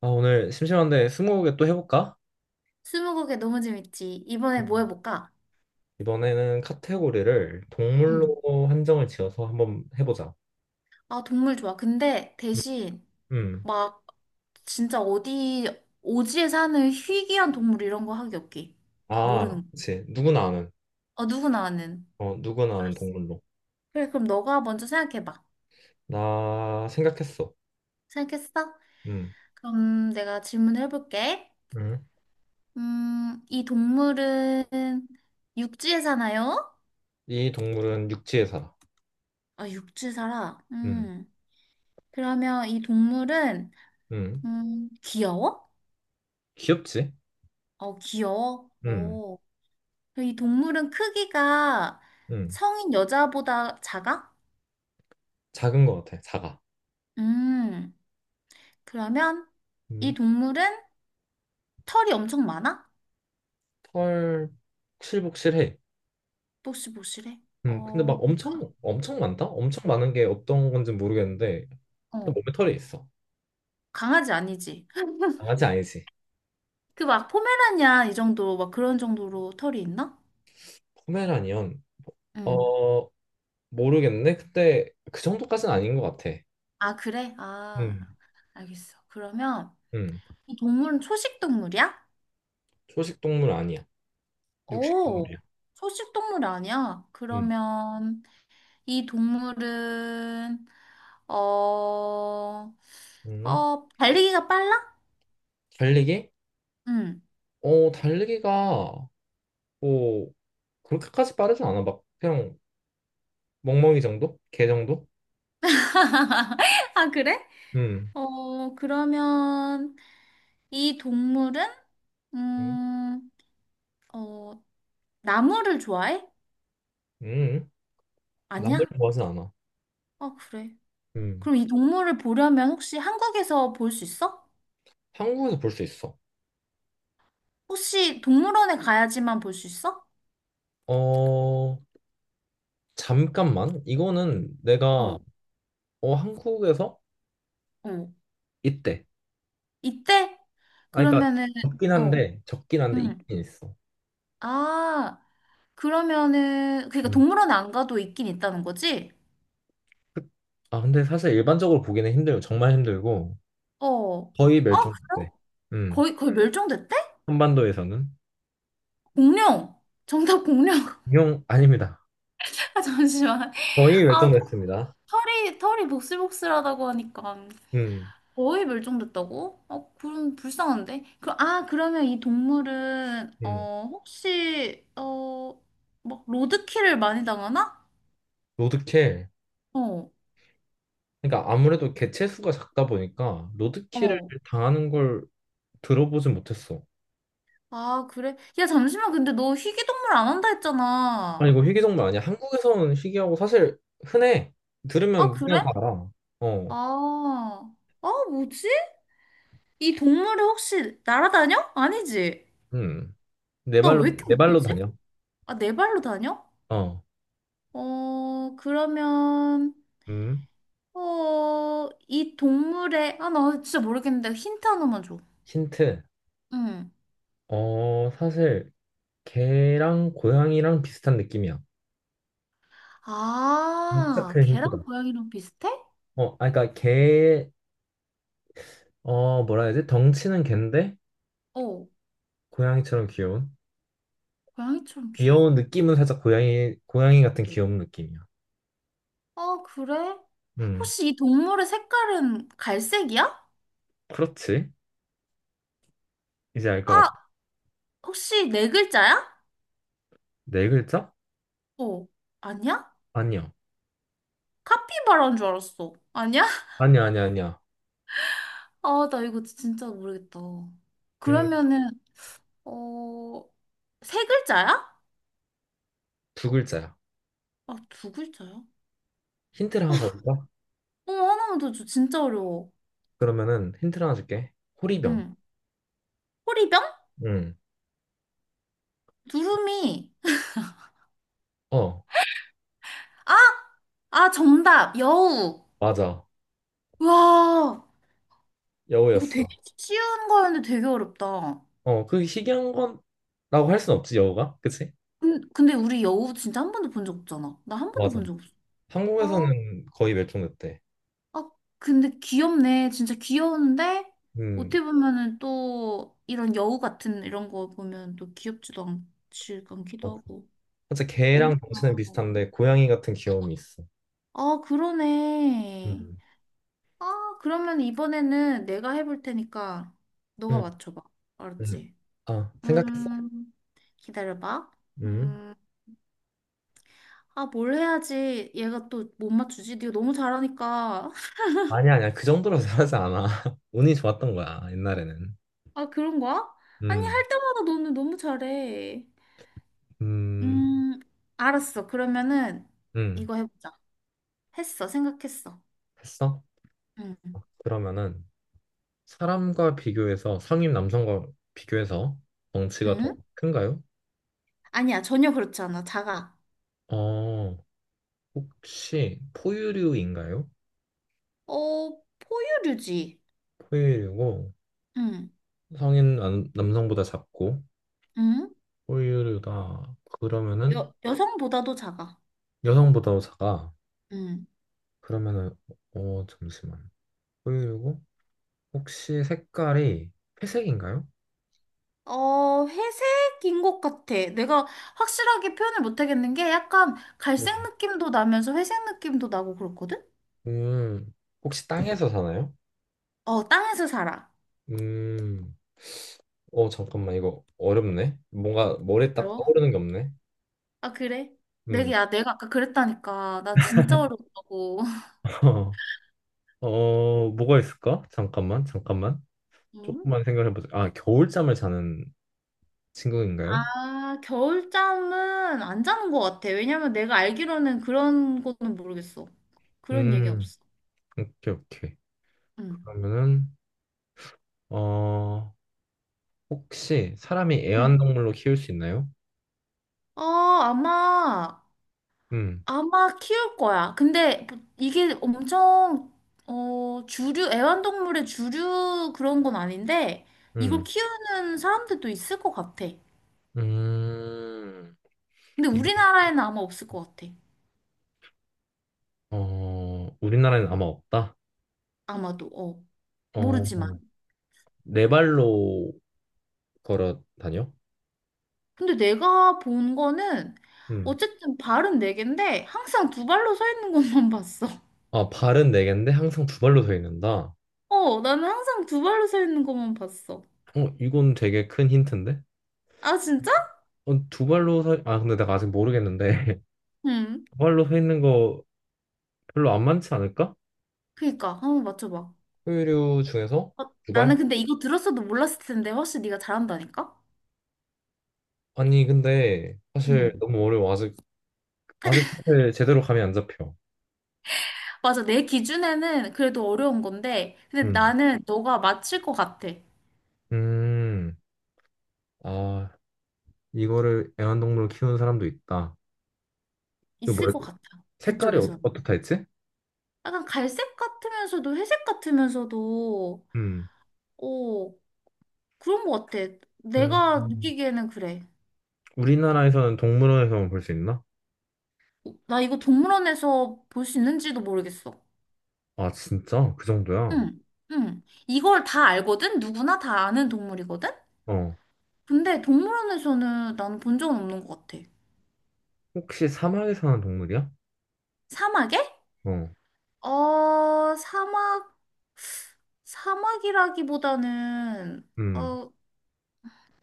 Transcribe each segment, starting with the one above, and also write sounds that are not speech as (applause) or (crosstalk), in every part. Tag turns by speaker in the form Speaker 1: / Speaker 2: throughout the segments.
Speaker 1: 아, 오늘 심심한데 스무고개 또 해볼까?
Speaker 2: 스무고개 너무 재밌지. 이번에 뭐
Speaker 1: 음.
Speaker 2: 해볼까?
Speaker 1: 이번에는 카테고리를
Speaker 2: 응.
Speaker 1: 동물로 한정을 지어서 한번 해보자.
Speaker 2: 아, 동물 좋아. 근데 대신
Speaker 1: 음.
Speaker 2: 막 진짜 어디 오지에 사는 희귀한 동물 이런 거 하기 없기.
Speaker 1: 아,
Speaker 2: 모르는 거.
Speaker 1: 그치. 누구나 아는.
Speaker 2: 어, 누구나 아는.
Speaker 1: 어, 누구나 아는
Speaker 2: 알았어.
Speaker 1: 동물로.
Speaker 2: 그래, 그럼 너가 먼저 생각해봐.
Speaker 1: 나 생각했어.
Speaker 2: 생각했어?
Speaker 1: 음.
Speaker 2: 그럼 내가 질문을 해볼게.
Speaker 1: 음.
Speaker 2: 이 동물은 육지에 사나요?
Speaker 1: 이 동물은 육지에 살아.
Speaker 2: 아, 육지에 살아.
Speaker 1: 음.
Speaker 2: 음. 그러면 이 동물은
Speaker 1: 음.
Speaker 2: 귀여워?
Speaker 1: 귀엽지?
Speaker 2: 어, 귀여워?
Speaker 1: 음.
Speaker 2: 어. 이 동물은 크기가
Speaker 1: 음.
Speaker 2: 성인 여자보다 작아?
Speaker 1: 작은 것 같아. 작아.
Speaker 2: 음, 그러면
Speaker 1: 음.
Speaker 2: 이 동물은 털이 엄청 많아?
Speaker 1: 털 복실복실해.
Speaker 2: 보시보실해
Speaker 1: 음. 근데
Speaker 2: 어,
Speaker 1: 막 엄청 엄청 많다? 엄청 많은 게 어떤 건지 모르겠는데
Speaker 2: 어,
Speaker 1: 몸에 털이 있어.
Speaker 2: 강아지 아니지.
Speaker 1: 강아지 아니지?
Speaker 2: 그 막 포메라니안 이 정도, 막 그런 정도로 털이 있나?
Speaker 1: 포메라니언
Speaker 2: 응.
Speaker 1: 어 모르겠네. 근데 그 정도까지는 아닌 것 같아.
Speaker 2: 아, 그래? 아,
Speaker 1: 음,
Speaker 2: 알겠어. 그러면
Speaker 1: 음.
Speaker 2: 이 동물은 초식 동물이야?
Speaker 1: 초식 동물 아니야. 육식
Speaker 2: 오,
Speaker 1: 동물이야.
Speaker 2: 초식 동물 아니야.
Speaker 1: 음.
Speaker 2: 그러면 이 동물은 어, 어,
Speaker 1: 음.
Speaker 2: 달리기가 빨라?
Speaker 1: 달리기?
Speaker 2: 응.
Speaker 1: 어 달리기가 뭐 그렇게까지 빠르진 않아. 막 그냥 멍멍이 정도? 개 정도?
Speaker 2: (laughs) 아, 그래?
Speaker 1: 음.
Speaker 2: 어, 그러면 이 동물은
Speaker 1: 음.
Speaker 2: 음, 어, 나무를 좋아해?
Speaker 1: 음. 나무를
Speaker 2: 아니야?
Speaker 1: 좋아하진 않아.
Speaker 2: 아, 그래.
Speaker 1: 음.
Speaker 2: 그럼 이 동물을 보려면 혹시 한국에서 볼 수 있어?
Speaker 1: 한국에서 볼 수 있어.
Speaker 2: 혹시 동물원에 가야지만 볼 수 있어?
Speaker 1: 어 잠깐만, 이거는 내가
Speaker 2: 어,
Speaker 1: 어 한국에서
Speaker 2: 어.
Speaker 1: 있대.
Speaker 2: 이때?
Speaker 1: 아 그러니까
Speaker 2: 그러면은
Speaker 1: 적긴
Speaker 2: 어.
Speaker 1: 한데 적긴 한데
Speaker 2: 응.
Speaker 1: 있긴 있어.
Speaker 2: 아, 그러면은 그러니까
Speaker 1: 음.
Speaker 2: 동물원 안 가도 있긴 있다는 거지?
Speaker 1: 그- 아, 근데 사실 일반적으로 보기는 힘들고, 정말 힘들고,
Speaker 2: 어.
Speaker 1: 거의
Speaker 2: 아,
Speaker 1: 멸종됐대. 음,
Speaker 2: 거의 거의 멸종됐대?
Speaker 1: 한반도에서는.
Speaker 2: 공룡. 정답 공룡. (laughs)
Speaker 1: 인용, 아닙니다.
Speaker 2: 아 잠시만.
Speaker 1: 거의
Speaker 2: 아
Speaker 1: 멸종됐습니다.
Speaker 2: 털이 복슬복슬하다고 하니까
Speaker 1: 음,
Speaker 2: 거의 멸종됐다고? 어, 그럼 불쌍한데. 그, 아, 그러면 이 동물은
Speaker 1: 음.
Speaker 2: 어 혹시 어 막 로드킬을 많이 당하나?
Speaker 1: 로드킬.
Speaker 2: 어.
Speaker 1: 그러니까 아무래도 개체 수가 작다 보니까 로드킬을
Speaker 2: 어.
Speaker 1: 당하는 걸 들어보진 못했어.
Speaker 2: 아, 그래? 야, 잠시만. 근데 너 희귀동물 안 한다
Speaker 1: 아니,
Speaker 2: 했잖아.
Speaker 1: 이거 희귀종말 아니야? 한국에서는 희귀하고 사실 흔해.
Speaker 2: 아,
Speaker 1: 들으면 그냥
Speaker 2: 그래?
Speaker 1: 다 알아. 어,
Speaker 2: 아, 아, 뭐지? 이 동물이 혹시 날아다녀? 아니지.
Speaker 1: 음.
Speaker 2: 나 왜 이렇게
Speaker 1: 네 발로
Speaker 2: 못하지?
Speaker 1: 다녀.
Speaker 2: 아, 네 발로 다녀?
Speaker 1: 어,
Speaker 2: 어, 그러면,
Speaker 1: 음.
Speaker 2: 어, 이 동물의, 아, 나 진짜 모르겠는데 힌트 하나만 줘.
Speaker 1: 힌트.
Speaker 2: 응.
Speaker 1: 어, 사실 개랑 고양이랑 비슷한 느낌이야. 진짜
Speaker 2: 아,
Speaker 1: 큰
Speaker 2: 걔랑
Speaker 1: 힌트다.
Speaker 2: 고양이랑 비슷해?
Speaker 1: 어, 아, 그러니까 개, 어, 뭐라 해야 되지? 덩치는 갠데
Speaker 2: 어,
Speaker 1: 고양이처럼 귀여운.
Speaker 2: 고양이처럼 귀여워.
Speaker 1: 귀여운 느낌은 살짝 고양이 같은 귀여운 느낌이야.
Speaker 2: 아, 그래?
Speaker 1: 음,
Speaker 2: 혹시 이 동물의 색깔은 갈색이야?
Speaker 1: 그렇지. 이제 알 것 같아.
Speaker 2: 아, 혹시 네 글자야?
Speaker 1: 네 글자?
Speaker 2: 어, 아니야?
Speaker 1: 아니야.
Speaker 2: 카피바라인 줄 알았어. 아니야?
Speaker 1: 아니야, 아니야, 아니야.
Speaker 2: 아, 나 이거 진짜 모르겠다.
Speaker 1: 음,
Speaker 2: 그러면은, 어, 세 글자야?
Speaker 1: 두 글자야.
Speaker 2: 아, 두 글자야?
Speaker 1: 힌트를 하나 더 줄까?
Speaker 2: 어, 하나만 더 줘. 진짜 어려워.
Speaker 1: 그러면은 힌트를 하나 줄게. 호리병.
Speaker 2: 응. 호리병?
Speaker 1: 음,
Speaker 2: 두루미.
Speaker 1: 어,
Speaker 2: 아, 아, 정답. 여우.
Speaker 1: 맞아.
Speaker 2: 와, 이거 되게
Speaker 1: 여우였어.
Speaker 2: 쉬운 거였는데 되게 어렵다.
Speaker 1: 어, 그 희귀한 거라고 할 순 없지, 여우가. 그치?
Speaker 2: 근데 우리 여우 진짜 한 번도 본 적 없잖아. 나 한 번도
Speaker 1: 맞아.
Speaker 2: 본 적 없어. 아,
Speaker 1: 한국에서는 거의 멸종됐대.
Speaker 2: 어, 근데 귀엽네. 진짜 귀여운데,
Speaker 1: 음,
Speaker 2: 어떻게 보면은 또 이런 여우 같은 이런 거 보면 또 귀엽지도 않지, 않기도
Speaker 1: 맞아.
Speaker 2: 하고.
Speaker 1: 진짜
Speaker 2: 어,
Speaker 1: 개랑 덩치는 비슷한데 고양이 같은 귀여움이 있어.
Speaker 2: 아, 그러네.
Speaker 1: 음,
Speaker 2: 아, 그러면 이번에는 내가 해볼 테니까 너가
Speaker 1: 음,
Speaker 2: 맞춰봐.
Speaker 1: 음.
Speaker 2: 알았지?
Speaker 1: 아, 생각했어?
Speaker 2: 음, 기다려봐.
Speaker 1: 음.
Speaker 2: 음, 아, 뭘 해야지. 얘가 또 못 맞추지? 네가 너무 잘하니까. (laughs)
Speaker 1: 아니야, 아니야. 그 정도로 잘하지 않아. (laughs) 운이 좋았던 거야, 옛날에는.
Speaker 2: 아, 그런 거야? 아니,
Speaker 1: 음,
Speaker 2: 할 때마다 너는 너무 잘해.
Speaker 1: 음,
Speaker 2: 음, 알았어. 그러면은
Speaker 1: 음.
Speaker 2: 이거 해보자. 했어. 생각했어.
Speaker 1: 했어?
Speaker 2: 응.
Speaker 1: 그러면은 사람과 비교해서 성인 남성과 비교해서 덩치가 더
Speaker 2: 응?
Speaker 1: 큰가요?
Speaker 2: 아니야. 전혀 그렇지 않아. 작아.
Speaker 1: 어, 혹시 포유류인가요?
Speaker 2: 어, 포유류지.
Speaker 1: 포유류고
Speaker 2: 응.
Speaker 1: 성인 남성보다 작고
Speaker 2: 응?
Speaker 1: 호유류다. 그러면은
Speaker 2: 여, 여성보다도 작아.
Speaker 1: 여성보다 작아.
Speaker 2: 응.
Speaker 1: 그러면은 어 잠시만. 호유류고 혹시 색깔이 회색인가요?
Speaker 2: 어, 회색인 것 같아. 내가 확실하게 표현을 못 하겠는 게 약간 갈색 느낌도 나면서 회색 느낌도 나고 그렇거든?
Speaker 1: 음, 혹시 땅에서 사나요?
Speaker 2: 어, 땅에서 살아.
Speaker 1: 음. 어 잠깐만, 이거 어렵네. 뭔가 머리에 딱
Speaker 2: 그래?
Speaker 1: 떠오르는 게 없네.
Speaker 2: 아, 그래? 내가
Speaker 1: 음.
Speaker 2: 야, 내가 아까 그랬다니까. 나 진짜 어렵다고. (laughs)
Speaker 1: (laughs) 어 뭐가 있을까? 잠깐만.
Speaker 2: 응?
Speaker 1: 조금만 생각해보자. 아 겨울잠을 자는
Speaker 2: 아,
Speaker 1: 친구인가요?
Speaker 2: 겨울잠은 안 자는 것 같아. 왜냐면 내가 알기로는 그런 거는 모르겠어. 그런 얘기는
Speaker 1: 음.
Speaker 2: 없어.
Speaker 1: 오케이 오케이.
Speaker 2: 응.
Speaker 1: 그러면은 어. 혹시 사람이
Speaker 2: 응.
Speaker 1: 애완동물로 키울 수 있나요?
Speaker 2: 어, 아마,
Speaker 1: 음,
Speaker 2: 아마 키울 거야. 근데 뭐 이게 엄청, 어, 주류, 애완동물의 주류 그런 건 아닌데, 이걸
Speaker 1: 음,
Speaker 2: 키우는 사람들도 있을 것 같아.
Speaker 1: 음.
Speaker 2: 근데
Speaker 1: 이거
Speaker 2: 우리나라에는 아마 없을 것 같아.
Speaker 1: 어 우리나라에는 아마 없다.
Speaker 2: 아마도, 어. 모르지만.
Speaker 1: 어, 네 발로 걸어 다녀?
Speaker 2: 근데 내가 본 거는
Speaker 1: 음.
Speaker 2: 어쨌든 발은 네 개인데 항상 두 발로 서 있는 것만 (laughs) 봤어.
Speaker 1: 아, 발은 네 개인데 항상 두 발로 서 있는다.
Speaker 2: 어, 나는 항상 두 발로 서 있는 것만 봤어.
Speaker 1: 어, 이건 되게 큰 힌트인데?
Speaker 2: 아, 진짜?
Speaker 1: 어, 두 발로 서, 아, 근데 내가 아직 모르겠는데. (laughs)
Speaker 2: 응.
Speaker 1: 두 발로 서 있는 거 별로 안 많지 않을까?
Speaker 2: 그니까 한번 맞춰봐.
Speaker 1: 포유류 중에서
Speaker 2: 어,
Speaker 1: 두 발?
Speaker 2: 나는 근데 이거 들었어도 몰랐을 텐데 훨씬 네가 잘한다니까?
Speaker 1: 아니, 근데 사실
Speaker 2: 응.
Speaker 1: 너무 어려워. 아직, 아직 사실 제대로 감이 안 잡혀.
Speaker 2: 맞아. 내 기준에는 그래도 어려운 건데 근데
Speaker 1: 음.
Speaker 2: 나는 너가 맞힐 것 같아.
Speaker 1: 음, 아, 이거를 애완동물로 키우는 사람도 있다. 이거
Speaker 2: 있을 것 같아.
Speaker 1: 색깔이 어,
Speaker 2: 그쪽에서는.
Speaker 1: 어떻다 했지?
Speaker 2: 약간 갈색 같으면서도 회색 같으면서도
Speaker 1: 음,
Speaker 2: 어 그런 거 같아. 내가
Speaker 1: 음.
Speaker 2: 느끼기에는 그래.
Speaker 1: 우리나라에서는 동물원에서만 볼 수 있나?
Speaker 2: 나 이거 동물원에서 볼 수 있는지도 모르겠어.
Speaker 1: 아, 진짜? 그 정도야?
Speaker 2: 응, 응. 이걸 다 알거든? 누구나 다 아는 동물이거든?
Speaker 1: 어.
Speaker 2: 근데 동물원에서는 나는 본 적은 없는 것 같아.
Speaker 1: 혹시 사막에 사는 동물이야?
Speaker 2: 사막에?
Speaker 1: 어,
Speaker 2: 어, 사막이라기보다는,
Speaker 1: 음,
Speaker 2: 어,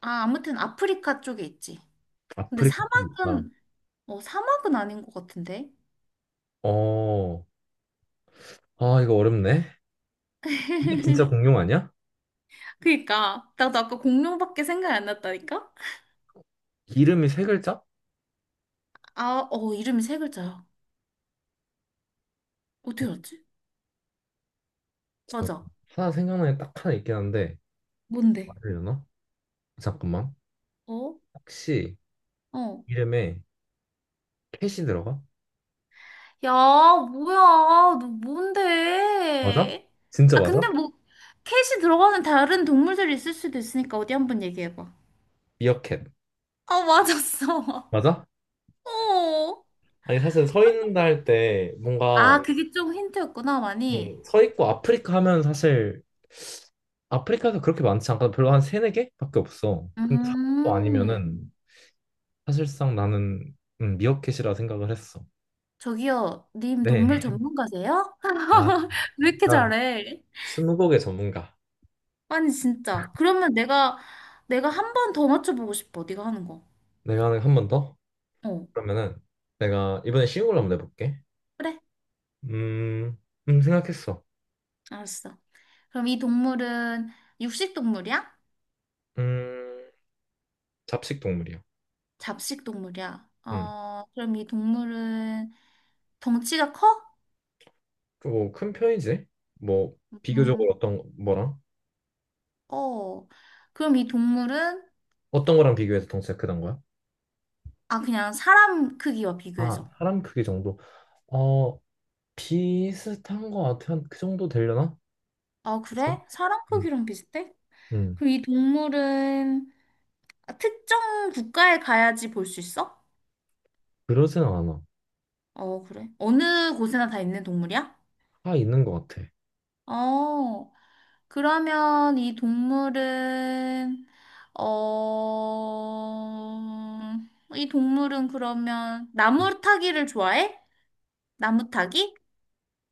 Speaker 2: 아, 아무튼 아프리카 쪽에 있지. 근데
Speaker 1: 아프리카 쪽에 있다.
Speaker 2: 사막은, 어, 사막은 아닌 것 같은데?
Speaker 1: 어, 아, 이거 어렵네. 이게 진짜 공룡 아니야?
Speaker 2: 그니까. 나도 아까 공룡밖에 생각이 안 났다니까?
Speaker 1: 이름이 세 글자?
Speaker 2: 아, 어, 이름이 세 글자야. 어떻게
Speaker 1: 어,
Speaker 2: 알았지?
Speaker 1: 잠깐.
Speaker 2: 맞아.
Speaker 1: 하나 생각나는 게 딱 하나 있긴 한데,
Speaker 2: 뭔데?
Speaker 1: 말하려나? 잠깐만.
Speaker 2: 어?
Speaker 1: 혹시
Speaker 2: 어.
Speaker 1: 이름에 캣이 들어가?
Speaker 2: 야, 뭐야, 너
Speaker 1: 맞아?
Speaker 2: 뭔데?
Speaker 1: 진짜
Speaker 2: 아, 근데
Speaker 1: 맞아?
Speaker 2: 뭐, 캣이 들어가는 다른 동물들이 있을 수도 있으니까 어디 한번 얘기해봐.
Speaker 1: 미어캣
Speaker 2: 아, 맞았어.
Speaker 1: 맞아?
Speaker 2: (laughs) 어.
Speaker 1: 아니 사실 서 있는다 할 때 뭔가
Speaker 2: 아, 그게 좀 힌트였구나, 많이.
Speaker 1: 서 있고 아프리카 하면 사실 아프리카도 그렇게 많지 않거든. 별로 한 세네 개밖에 없어. 근데 사막도
Speaker 2: 음,
Speaker 1: 아니면은 사실상 나는 미어캣이라 생각을 했어.
Speaker 2: 저기요, 님 동물
Speaker 1: 네.
Speaker 2: 전문가세요?
Speaker 1: (laughs) 아,
Speaker 2: (laughs) 왜 이렇게
Speaker 1: 진짜
Speaker 2: 잘해?
Speaker 1: 스무고개 전문가.
Speaker 2: 아니, 진짜. 그러면 내가, 한 번 더 맞춰보고 싶어, 네가 하는 거.
Speaker 1: 내가 한 번 더?
Speaker 2: 어.
Speaker 1: 그러면은 내가 이번에 쉬운 걸로 한번 내볼게.
Speaker 2: 그래,
Speaker 1: 음, 생각했어.
Speaker 2: 알았어. 그럼 이 동물은 육식 동물이야?
Speaker 1: 음 잡식 동물이야.
Speaker 2: 잡식 동물이야? 어, 그럼 이 동물은 덩치가 커?
Speaker 1: 뭐 큰 편이지. 뭐 비교적으로
Speaker 2: 음,
Speaker 1: 어떤 뭐랑
Speaker 2: 어. 그럼 이 동물은
Speaker 1: 어떤 거랑 비교해서 덩치가 크단 거야?
Speaker 2: 아 그냥 사람 크기와
Speaker 1: 아,
Speaker 2: 비교해서.
Speaker 1: 사람 크기 정도. 어, 비슷한 거 같아. 한 그 정도 되려나?
Speaker 2: 아,
Speaker 1: 글쎄.
Speaker 2: 그래? 사람
Speaker 1: 음.
Speaker 2: 크기랑 비슷해?
Speaker 1: 음.
Speaker 2: 그럼 이 동물은 특정 국가에 가야지 볼 수 있어?
Speaker 1: 그러진 않아.
Speaker 2: 어, 그래. 어느 곳에나 다 있는 동물이야?
Speaker 1: 다 있는 거 같아.
Speaker 2: 어. 그러면 이 동물은, 어, 이 동물은 그러면 나무 타기를 좋아해? 나무 타기?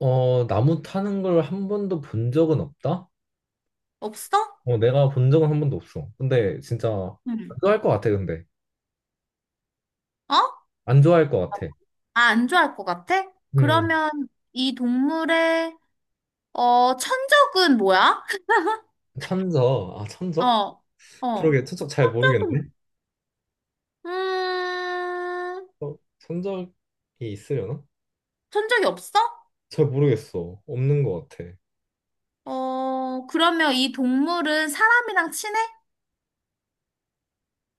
Speaker 1: 어, 나무 타는 걸 한 번도 본 적은 없다?
Speaker 2: 없어?
Speaker 1: 어, 내가 본 적은 한 번도 없어. 근데 진짜 안
Speaker 2: 응.
Speaker 1: 좋아할 것 같아, 근데.
Speaker 2: 어? 아,
Speaker 1: 안 좋아할 것 같아.
Speaker 2: 안 좋아할 것 같아?
Speaker 1: 음,
Speaker 2: 그러면 이 동물의, 어, 천적은 뭐야? (laughs)
Speaker 1: 천적. 아,
Speaker 2: 어,
Speaker 1: 천적?
Speaker 2: 어.
Speaker 1: 그러게, 천적 잘 모르겠네.
Speaker 2: 천적은. 음,
Speaker 1: 어, 천적이 있으려나?
Speaker 2: 천적이 없어?
Speaker 1: 잘 모르겠어. 없는 것 같아.
Speaker 2: 어, 그러면 이 동물은 사람이랑 친해?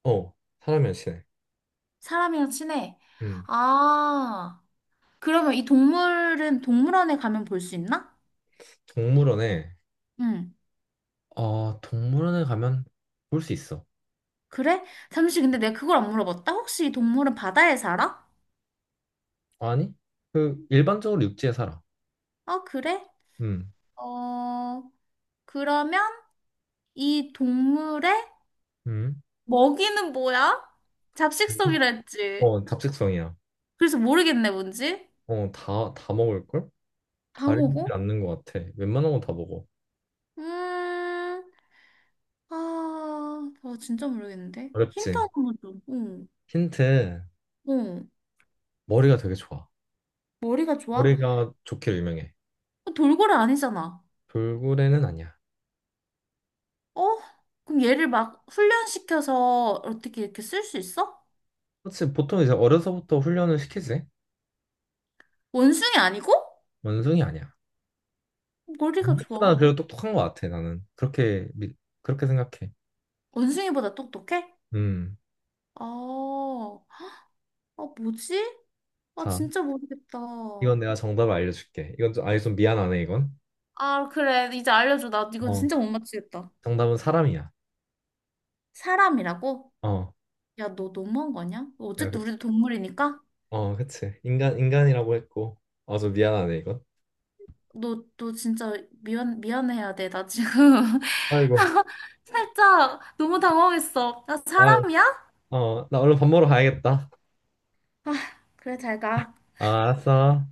Speaker 1: 어, 사람이 안 친해.
Speaker 2: 사람이랑 친해.
Speaker 1: 음,
Speaker 2: 아. 그러면 이 동물은 동물원에 가면 볼 수 있나?
Speaker 1: 동물원에,
Speaker 2: 응.
Speaker 1: 어, 동물원에 가면 볼 수 있어.
Speaker 2: 그래? 잠시 근데 내가 그걸 안 물어봤다. 혹시 이 동물은 바다에 살아?
Speaker 1: 아니? 그, 일반적으로 육지에 살아.
Speaker 2: 어, 그래?
Speaker 1: 음,
Speaker 2: 어, 그러면 이 동물의
Speaker 1: 음.
Speaker 2: 먹이는 뭐야?
Speaker 1: 뭐지?
Speaker 2: 잡식성이라 했지.
Speaker 1: 어, 잡식성이야.
Speaker 2: 그래서 모르겠네, 뭔지.
Speaker 1: 어, 다 먹을걸?
Speaker 2: 다
Speaker 1: 가리지
Speaker 2: 먹어?
Speaker 1: 않는 것 같아. 웬만한 건 다 먹어.
Speaker 2: 음, 아, 나 진짜 모르겠는데. 힌트
Speaker 1: 어렵지?
Speaker 2: 하나만 줘. 응,
Speaker 1: 힌트,
Speaker 2: 응.
Speaker 1: 머리가 되게 좋아.
Speaker 2: 머리가 좋아?
Speaker 1: 머리가 좋기로 유명해.
Speaker 2: 어, 돌고래 아니잖아.
Speaker 1: 돌고래는 아니야.
Speaker 2: 어? 그럼 얘를 막 훈련시켜서 어떻게 이렇게 쓸 수 있어?
Speaker 1: 그렇지, 보통 이제 어려서부터 훈련을 시키지.
Speaker 2: 원숭이 아니고?
Speaker 1: 원숭이 아니야.
Speaker 2: 머리가
Speaker 1: 생각보다
Speaker 2: 좋아.
Speaker 1: 그래도 똑똑한 것 같아, 나는. 그렇게 생각해.
Speaker 2: 원숭이보다 똑똑해?
Speaker 1: 음.
Speaker 2: 아, 아, 뭐지? 아,
Speaker 1: 자,
Speaker 2: 진짜 모르겠다.
Speaker 1: 이건 내가 정답을 알려줄게. 이건 좀, 아니, 좀 미안하네, 이건.
Speaker 2: 아, 그래. 이제 알려줘. 나 이건
Speaker 1: 어.
Speaker 2: 진짜 못 맞추겠다.
Speaker 1: 정답은 사람이야.
Speaker 2: 사람이라고?
Speaker 1: 어.
Speaker 2: 야, 너 너무한 거 아니야?
Speaker 1: 야,
Speaker 2: 어쨌든
Speaker 1: 그-
Speaker 2: 우리도 동물이니까?
Speaker 1: 어, 그치. 인간이라고 했고. 어, 좀 미안하네, 이건.
Speaker 2: 너, 진짜 미안해야 돼. 나 지금
Speaker 1: 아이고.
Speaker 2: (laughs) 살짝 너무 당황했어. 나
Speaker 1: 아,
Speaker 2: 사람이야?
Speaker 1: 어, 나 얼른 밥 먹으러 가야겠다.
Speaker 2: 아, 그래, 잘 가.
Speaker 1: 아, 알았어.